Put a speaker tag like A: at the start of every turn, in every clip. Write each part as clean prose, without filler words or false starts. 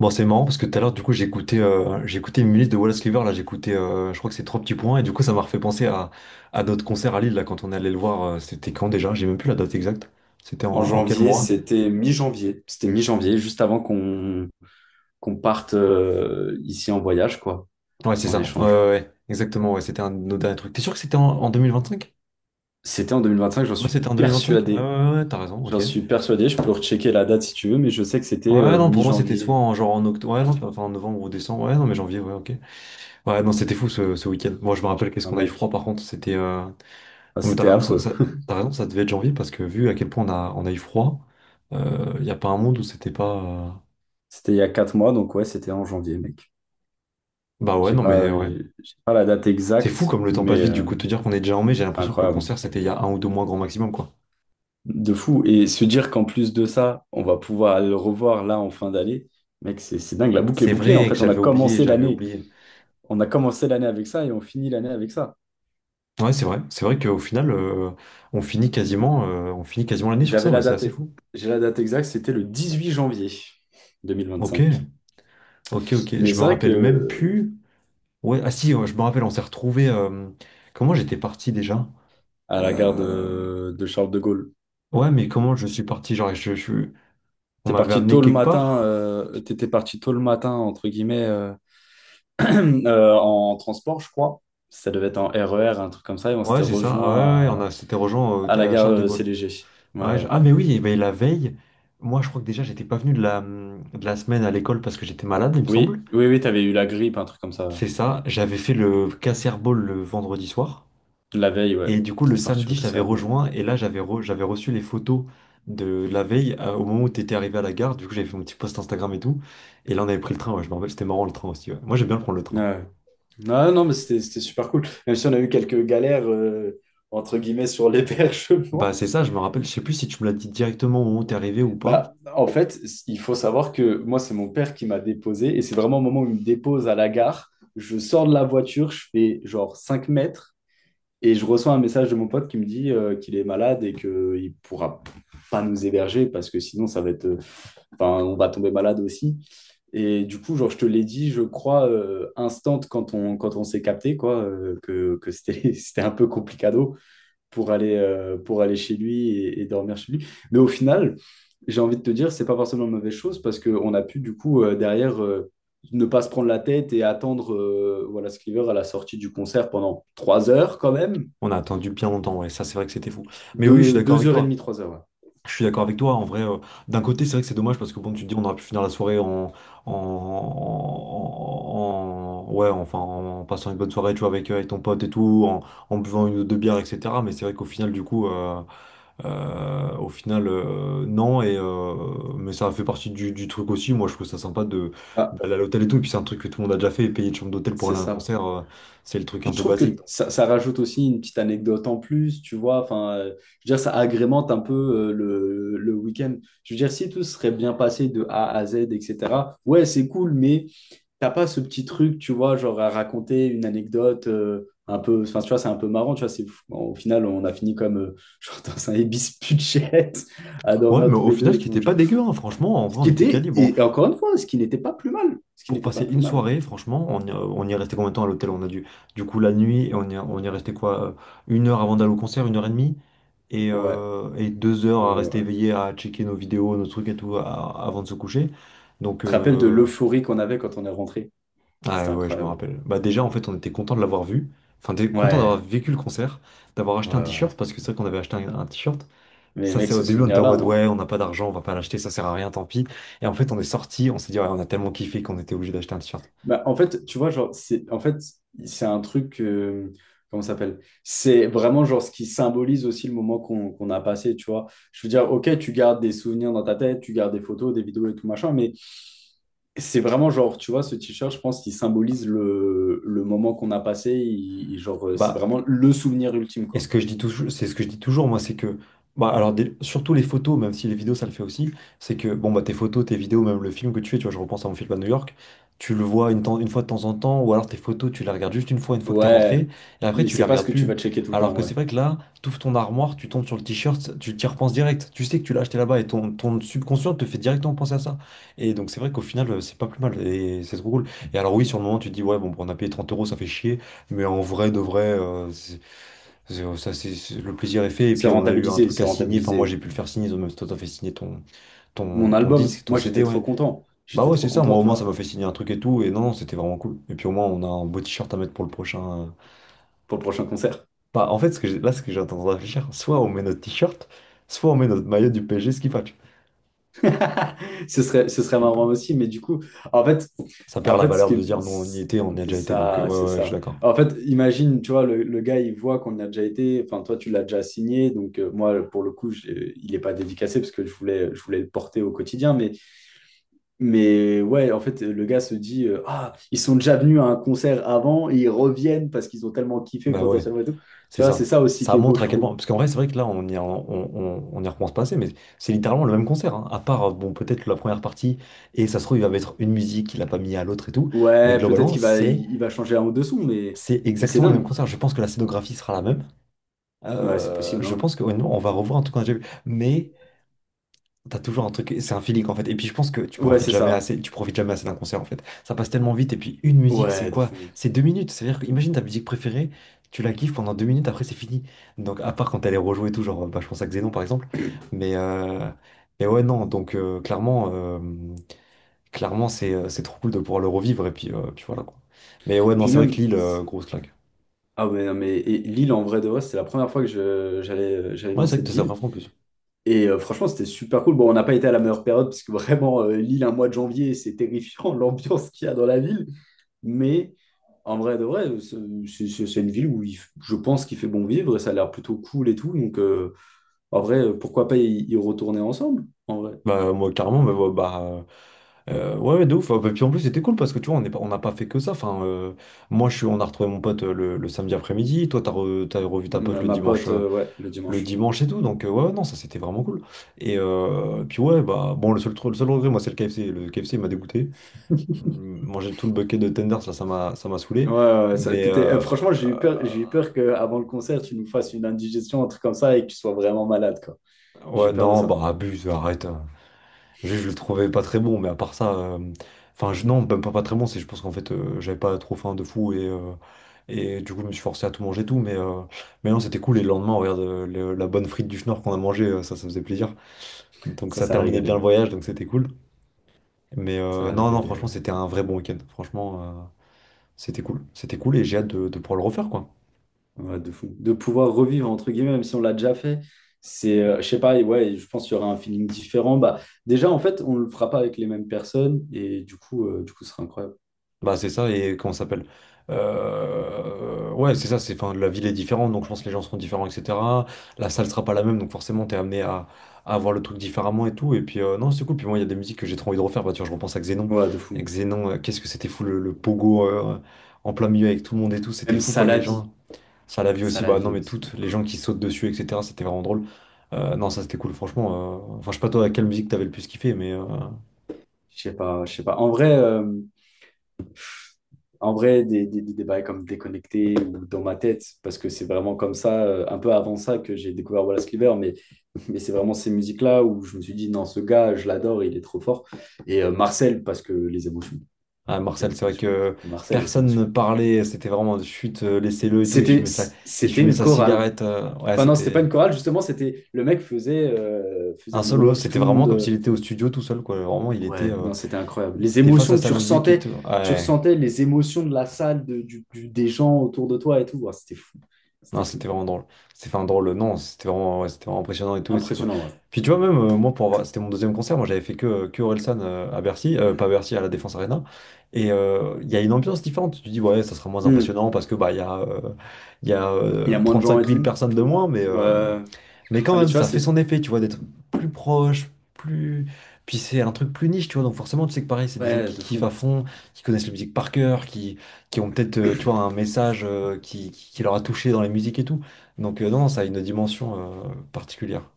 A: Bon, c'est marrant parce que tout à l'heure, du coup, j'ai écouté une minute de Wallace Cleaver. Là, j'ai écouté, je crois que c'est Trois Petits Points. Et du coup, ça m'a refait penser à notre concert à Lille, là, quand on est allé le voir. C'était quand déjà? J'ai même plus la date exacte. C'était en,
B: En
A: en quel
B: janvier,
A: mois?
B: c'était mi-janvier. C'était mi-janvier, juste avant qu'on parte ici en voyage, quoi,
A: Ouais, c'est
B: en
A: ça. Ouais,
B: échange.
A: ouais, ouais. Exactement. Ouais, c'était un de nos derniers trucs. T'es sûr que c'était en cinq.
B: C'était en 2025, j'en
A: Ouais,
B: suis
A: c'était en 2025. Ouais, ouais,
B: persuadé.
A: ouais, ouais, t'as raison.
B: J'en
A: Ok.
B: suis persuadé, je peux rechecker la date si tu veux, mais je sais que c'était
A: Ouais, non, pour moi, c'était soit
B: mi-janvier,
A: en, genre en octobre. Ouais, non, enfin, en novembre ou décembre. Ouais, non, mais janvier, ouais, ok. Ouais, non, c'était fou ce week-end. Moi, je me rappelle qu'est-ce
B: un
A: qu'on a eu froid,
B: mec.
A: par contre.
B: Enfin,
A: Non mais t'as
B: c'était
A: raison,
B: affreux.
A: t'as raison, ça devait être janvier parce que vu à quel point on a eu froid, il n'y a pas un monde où c'était pas.
B: C'était il y a quatre mois, donc ouais, c'était en janvier, mec.
A: Bah ouais, non mais ouais.
B: J'ai pas la date
A: C'est
B: exacte,
A: fou comme le temps passe
B: mais
A: vite, du coup, de te dire qu'on est déjà en mai, j'ai
B: c'est
A: l'impression que le
B: incroyable.
A: concert c'était il y a un ou deux mois grand maximum, quoi.
B: De fou. Et se dire qu'en plus de ça, on va pouvoir le revoir là en fin d'année, mec, c'est dingue. La boucle est
A: C'est
B: bouclée. En
A: vrai que
B: fait,
A: j'avais oublié, j'avais oublié.
B: On a commencé l'année avec ça et on finit l'année avec ça.
A: Ouais, c'est vrai qu'au final, on finit quasiment l'année sur ça,
B: J'avais
A: ouais,
B: la
A: c'est
B: date,
A: assez fou.
B: j'ai la date exacte, c'était le 18 janvier deux mille
A: Ok,
B: vingt-cinq.
A: ok, ok,
B: Mais
A: je me
B: c'est vrai
A: rappelle même
B: que
A: plus. Ouais, ah si, ouais, je me rappelle, on s'est retrouvés. Comment j'étais parti déjà?
B: à la gare
A: Euh...
B: de Charles de Gaulle,
A: Ouais, mais comment je suis parti? Genre, on
B: t'es
A: m'avait
B: parti
A: amené
B: tôt le
A: quelque
B: matin,
A: part.
B: t'étais parti tôt le matin entre guillemets en transport, je crois. Ça devait être en RER, un truc comme ça, et on
A: Ouais,
B: s'était
A: c'est ça. Ah
B: rejoint
A: ouais, ouais, on a, c'était
B: à la
A: à
B: gare
A: Charles de Gaulle.
B: CDG. Ouais. Ouais.
A: Ah, mais oui, eh ben, la veille, moi, je crois que déjà, j'étais pas venu de la semaine à l'école parce que j'étais malade, il me semble.
B: Oui, oui, oui, t'avais eu la grippe, un truc comme ça. Ouais.
A: C'est ça. J'avais fait le Casserball le vendredi soir.
B: La veille, ouais.
A: Et du coup, le
B: T'étais parti au
A: samedi, je t'avais
B: Kosovo. Ouais.
A: rejoint. Et là, j'avais reçu les photos de la veille au moment où t'étais arrivé à la gare. Du coup, j'avais fait mon petit post Instagram et tout. Et là, on avait pris le train. Ouais, je me rappelle, c'était marrant le train aussi. Ouais. Moi, j'aime bien prendre le train.
B: Ouais. Non, non, mais c'était super cool. Même si on a eu quelques galères, entre guillemets, sur
A: Bah,
B: l'hébergement.
A: c'est ça, je me rappelle. Je sais plus si tu me l'as dit directement au moment où t'es arrivé ou pas.
B: Bah, en fait, il faut savoir que moi, c'est mon père qui m'a déposé et c'est vraiment au moment où il me dépose à la gare. Je sors de la voiture, je fais genre 5 mètres et je reçois un message de mon pote qui me dit qu'il est malade et qu'il ne pourra pas nous héberger parce que sinon, ça va être, enfin, on va tomber malade aussi. Et du coup, genre, je te l'ai dit, je crois, instant quand on, quand on s'est capté, quoi, que c'était, c'était un peu complicado pour aller chez lui et dormir chez lui. Mais au final, j'ai envie de te dire, c'est pas forcément une mauvaise chose parce qu'on a pu, du coup, derrière, ne pas se prendre la tête et attendre voilà, Sliver à la sortie du concert pendant 3 heures quand même,
A: On a attendu bien longtemps, ouais, ça c'est vrai que c'était fou. Mais oui, je suis
B: deux,
A: d'accord
B: deux
A: avec
B: heures et
A: toi.
B: demie, 3 heures. Ouais.
A: Je suis d'accord avec toi. En vrai, d'un côté, c'est vrai que c'est dommage parce que bon, tu te dis, on aurait pu finir la soirée ouais, enfin, en passant une bonne soirée, tu vois, avec, avec ton pote et tout, en, en buvant une ou deux bières, etc. Mais c'est vrai qu'au final, du coup, au final, non. Et mais ça fait partie du truc aussi. Moi, je trouve ça sympa de
B: Ah,
A: d'aller à l'hôtel et tout. Et puis c'est un truc que tout le monde a déjà fait, payer une chambre d'hôtel pour
B: c'est
A: aller à un
B: ça.
A: concert, c'est le truc un
B: Puis je
A: peu
B: trouve
A: basique.
B: que ça rajoute aussi une petite anecdote en plus, tu vois. Enfin, je veux dire, ça agrémente un peu le week-end. Je veux dire, si tout serait bien passé de A à Z, etc., ouais, c'est cool, mais t'as pas ce petit truc, tu vois, genre à raconter une anecdote un peu. Enfin, tu vois, c'est un peu marrant, tu vois. C'est, au final, on a fini comme genre dans un Ibis Budget à
A: Ouais,
B: dormir
A: mais
B: tous
A: au
B: les
A: final,
B: deux
A: ce
B: et
A: qui
B: tout
A: était pas
B: machin.
A: dégueu, hein, franchement, en
B: Ce
A: vrai,
B: qui
A: on était
B: était,
A: quali. Bon,
B: et encore une fois, ce qui n'était pas plus mal. Ce qui
A: pour
B: n'était
A: passer
B: pas plus
A: une
B: mal.
A: soirée, franchement, on y est resté combien de temps à l'hôtel? On a dû, du coup, la nuit, et on y est resté quoi? Une heure avant d'aller au concert, une heure et demie,
B: Ouais,
A: et deux heures
B: ouais,
A: à rester
B: ouais.
A: éveillé, à checker nos vidéos, nos trucs et tout, avant de se coucher. Donc,
B: Tu te rappelles de l'euphorie qu'on avait quand on est rentré? C'était
A: ah ouais, je me
B: incroyable.
A: rappelle. Bah, déjà, en fait, on était content de l'avoir vu. Enfin, t'es content d'avoir
B: Ouais,
A: vécu le concert, d'avoir
B: ouais,
A: acheté un
B: ouais.
A: t-shirt, parce que c'est vrai qu'on avait acheté un t-shirt.
B: Mais
A: Ça,
B: mec,
A: c'est au
B: ce
A: début, on était en
B: souvenir-là,
A: mode,
B: hein.
A: ouais, on n'a pas d'argent, on va pas l'acheter, ça sert à rien, tant pis. Et en fait, on est sorti, on s'est dit, ouais, on a tellement kiffé qu'on était obligé d'acheter un t-shirt.
B: Bah, en fait, tu vois, genre, c'est, en fait, c'est un truc, comment ça s'appelle? C'est vraiment genre ce qui symbolise aussi le moment qu'on a passé, tu vois. Je veux dire, ok, tu gardes des souvenirs dans ta tête, tu gardes des photos, des vidéos et tout machin, mais c'est vraiment genre, tu vois, ce t-shirt, je pense qu'il symbolise le moment qu'on a passé. Genre, c'est
A: Bah,
B: vraiment le souvenir ultime,
A: Et ce
B: quoi.
A: que je dis toujours, c'est ce que je dis toujours, moi, c'est que, bah, alors, surtout les photos, même si les vidéos, ça le fait aussi, c'est que, bon, bah, tes photos, tes vidéos, même le film que tu fais, tu vois, je repense à mon film à New York, tu le vois une fois de temps en temps, ou alors tes photos, tu les regardes juste une fois que t'es
B: Ouais,
A: rentré, et après,
B: mais
A: tu les
B: c'est pas ce
A: regardes
B: que tu
A: plus.
B: vas checker tout le
A: Alors
B: temps,
A: que
B: ouais.
A: c'est vrai que là, t'ouvres ton armoire, tu tombes sur le t-shirt, tu t'y repenses direct. Tu sais que tu l'as acheté là-bas et ton, ton subconscient te fait directement penser à ça. Et donc, c'est vrai qu'au final, c'est pas plus mal et c'est trop cool. Et alors, oui, sur le moment, tu te dis, ouais, bon, on a payé 30 euros, ça fait chier, mais en vrai, de vrai, c'est- Ça, c'est, le plaisir est fait. Et
B: C'est
A: puis, on a eu un
B: rentabilisé,
A: truc à
B: c'est
A: signer. Enfin, moi,
B: rentabilisé.
A: j'ai pu le faire signer. Même si toi, t'as fait signer ton,
B: Mon
A: ton, ton
B: album.
A: disque, ton
B: Moi, j'étais
A: CD,
B: trop
A: ouais.
B: content.
A: Bah
B: J'étais
A: ouais,
B: trop
A: c'est ça.
B: content,
A: Moi, au
B: tu
A: moins, ça
B: vois,
A: m'a fait signer un truc et tout. Et non, non, c'était vraiment cool. Et puis, au moins, on a un beau t-shirt à mettre pour le prochain.
B: pour le prochain concert.
A: Bah, en fait, ce que là, ce que j'ai tendance à réfléchir, soit on met notre t-shirt, soit on met notre maillot du PSG, ce qui fait.
B: Ce serait marrant aussi, mais du coup, en fait,
A: Ça perd
B: en
A: la
B: fait,
A: valeur de dire, non, on y était, on y a
B: c'est
A: déjà été. Donc,
B: ça, c'est
A: ouais, ouais, je suis
B: ça.
A: d'accord.
B: En fait, imagine, tu vois, le gars, il voit qu'on y a déjà été. Enfin, toi, tu l'as déjà signé. Donc, moi, pour le coup, il n'est pas dédicacé parce que je voulais le porter au quotidien. Mais ouais, en fait, le gars se dit, ah, ils sont déjà venus à un concert avant et ils reviennent parce qu'ils ont tellement kiffé
A: Bah ouais.
B: potentiellement et tout.
A: C'est
B: Tu vois, c'est
A: ça.
B: ça aussi
A: Ça
B: qui est beau,
A: montre
B: je
A: à quel point.
B: trouve.
A: Parce qu'en vrai, c'est vrai que là, on y repense pas assez, mais c'est littéralement le même concert. Hein. À part, bon, peut-être la première partie, et ça se trouve, il va mettre une musique qu'il a pas mis à l'autre et tout. Mais
B: Ouais, peut-être
A: globalement,
B: qu'il va,
A: c'est
B: il va changer un ou deux sons,
A: c'est
B: mais c'est
A: exactement le même
B: dingue.
A: concert. Je pense que la scénographie sera la même.
B: Ouais, c'est possible,
A: Je
B: hein.
A: pense que, honnêtement, on va revoir un truc qu'on a déjà vu. Mais t'as toujours un truc, c'est un feeling en fait. Et puis je pense que tu
B: Ouais,
A: profites
B: c'est
A: jamais
B: ça.
A: assez, tu profites jamais assez d'un concert en fait. Ça passe tellement vite. Et puis une musique, c'est
B: Ouais, de
A: quoi?
B: fou.
A: C'est deux minutes. C'est-à-dire que imagine ta musique préférée, tu la kiffes pendant deux minutes, après c'est fini. Donc à part quand elle est rejouée et tout, genre bah, je pense à Xénon par exemple. Mais, euh, mais ouais, non, donc clairement, clairement c'est trop cool de pouvoir le revivre. Et puis, puis voilà quoi. Mais ouais, non,
B: Puis
A: c'est vrai que
B: même,
A: Lille, grosse claque.
B: ah ouais, non, mais et Lille, en vrai de vrai, c'était la première fois que j'allais, j'allais
A: Ouais,
B: dans
A: c'est vrai
B: cette
A: que c'est
B: ville.
A: vrai en plus.
B: Et franchement, c'était super cool. Bon, on n'a pas été à la meilleure période, parce que vraiment, Lille, un mois de janvier, c'est terrifiant l'ambiance qu'il y a dans la ville. Mais en vrai de vrai, c'est une ville où je pense qu'il fait bon vivre et ça a l'air plutôt cool et tout. Donc, en vrai, pourquoi pas y retourner ensemble, en vrai.
A: Bah, moi, carrément, mais ouais, bah, ouais, ouais, de ouf. Et puis en plus, c'était cool parce que tu vois, on n'a pas fait que ça. Enfin, moi, je suis, on a retrouvé mon pote le samedi après-midi. Toi, t'as revu ta pote
B: Ma, ma pote, ouais, le
A: le
B: dimanche.
A: dimanche et tout. Donc, ouais, ouais, non, ça, c'était vraiment cool. Et puis, ouais, bah, bon, le seul regret, moi, c'est le KFC. Le KFC, il m'a dégoûté. Manger tout le bucket de tenders, là, ça m'a
B: Ouais,
A: saoulé.
B: ouais, ouais,
A: Mais, euh,
B: franchement, j'ai eu peur qu'avant le concert, tu nous fasses une indigestion, un truc comme ça, et que tu sois vraiment malade, quoi. J'ai
A: ouais,
B: eu peur de
A: non,
B: ça.
A: bah, abuse, arrête. Je le trouvais pas très bon, mais à part ça, non, même pas, pas très bon, c'est je pense qu'en fait, j'avais pas trop faim de fou et du coup, je me suis forcé à tout manger et tout, mais non, c'était cool. Et le lendemain, regarde, la bonne frite du Schnorr qu'on a mangée, ça faisait plaisir. Donc,
B: Ça,
A: ça
B: ça a
A: terminait
B: régalé.
A: bien le
B: Ouais.
A: voyage, donc c'était cool.
B: Ça a
A: Non, non,
B: régalé,
A: franchement,
B: ouais.
A: c'était un vrai bon week-end. Franchement, c'était cool. C'était cool et j'ai hâte de pouvoir le refaire, quoi.
B: Ouais, de fou. De pouvoir revivre, entre guillemets, même si on l'a déjà fait, c'est, je sais pas, et ouais, je pense qu'il y aura un feeling différent. Bah, déjà, en fait, on le fera pas avec les mêmes personnes, et du coup, ce sera incroyable.
A: Bah c'est ça et comment ça s'appelle? Ouais c'est ça, c'est enfin la ville est différente donc je pense que les gens seront différents etc. La salle sera pas la même donc forcément t'es amené à voir le truc différemment et tout et puis non c'est cool puis moi il y a des musiques que j'ai trop envie de refaire bah tu vois je repense
B: Ouais, de
A: à
B: fou.
A: Xénon qu'est-ce que c'était fou le pogo en plein milieu avec tout le monde et tout c'était
B: Même
A: fou
B: ça
A: quoi
B: la
A: les
B: vie.
A: gens ça la vie
B: Ça
A: aussi
B: la
A: bah non
B: vie
A: mais
B: aussi, hein,
A: toutes les
B: quoi.
A: gens qui sautent dessus etc c'était vraiment drôle. Non ça c'était cool franchement enfin je sais pas toi à quelle musique t'avais le plus kiffé mais
B: Je sais pas, je sais pas. En vrai. En vrai, des débats comme déconnecté ou dans ma tête, parce que c'est vraiment comme ça, un peu avant ça, que j'ai découvert Wallace Cleaver, mais c'est vraiment ces musiques-là où je me suis dit, non, ce gars, je l'adore, il est trop fort. Et Marcel, parce que
A: Ah,
B: les
A: Marcel, c'est vrai
B: émotions, mec.
A: que
B: Marcel, les
A: personne ne
B: émotions.
A: parlait, c'était vraiment chute, laissez-le et tout,
B: C'était,
A: il
B: c'était
A: fumait
B: une
A: sa
B: chorale.
A: cigarette, ouais,
B: Enfin, non, c'était pas
A: c'était
B: une chorale, justement, c'était le mec faisait, faisait
A: un
B: un
A: solo,
B: monologue,
A: c'était
B: tout le
A: vraiment
B: monde.
A: comme s'il était au studio tout seul, quoi, vraiment,
B: Ouais, non, c'était incroyable.
A: il
B: Les
A: était face à
B: émotions que
A: sa musique et tout,
B: tu
A: ouais.
B: ressentais les émotions de la salle, des gens autour de toi et tout. Ouais, c'était fou. C'était
A: Non,
B: fou.
A: c'était vraiment drôle. C'était enfin drôle, non, c'était vraiment, ouais, c'était vraiment impressionnant et tout, et c'est cool.
B: Impressionnant, ouais.
A: Puis tu vois, même moi, pour avoir... c'était mon deuxième concert, moi j'avais fait que Orelsan à Bercy, pas à Bercy, à la Défense Arena. Et il y a une ambiance différente. Tu te dis, ouais, ça sera moins
B: Hmm.
A: impressionnant parce que bah, il y a
B: Il y a moins de gens
A: 35
B: et
A: 000
B: tout.
A: personnes de moins,
B: Euh,
A: mais quand
B: non, mais
A: même,
B: tu vois,
A: ça
B: c'est...
A: fait son effet, tu vois, d'être plus proche, plus. Puis c'est un truc plus niche, tu vois. Donc forcément, tu sais que pareil, c'est des gens
B: Ouais,
A: qui
B: de
A: kiffent
B: fou.
A: à fond, qui connaissent la musique par cœur, qui ont peut-être, tu vois, un message qui qui leur a touché dans la musique et tout. Donc non, ça a une dimension particulière.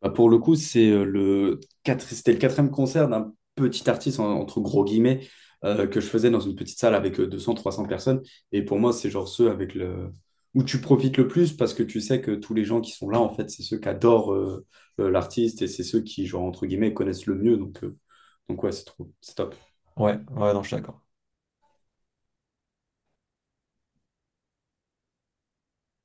B: Bah, pour le coup, c'est c'était le quatrième concert d'un petit artiste, entre gros guillemets, que je faisais dans une petite salle avec 200-300 personnes. Et pour moi, c'est genre ceux avec le... où tu profites le plus parce que tu sais que tous les gens qui sont là, en fait, c'est ceux qui adorent l'artiste et c'est ceux qui, genre, entre guillemets, connaissent le mieux. Donc ouais, c'est trop, c'est top.
A: Ouais, ouais, non, je suis d'accord.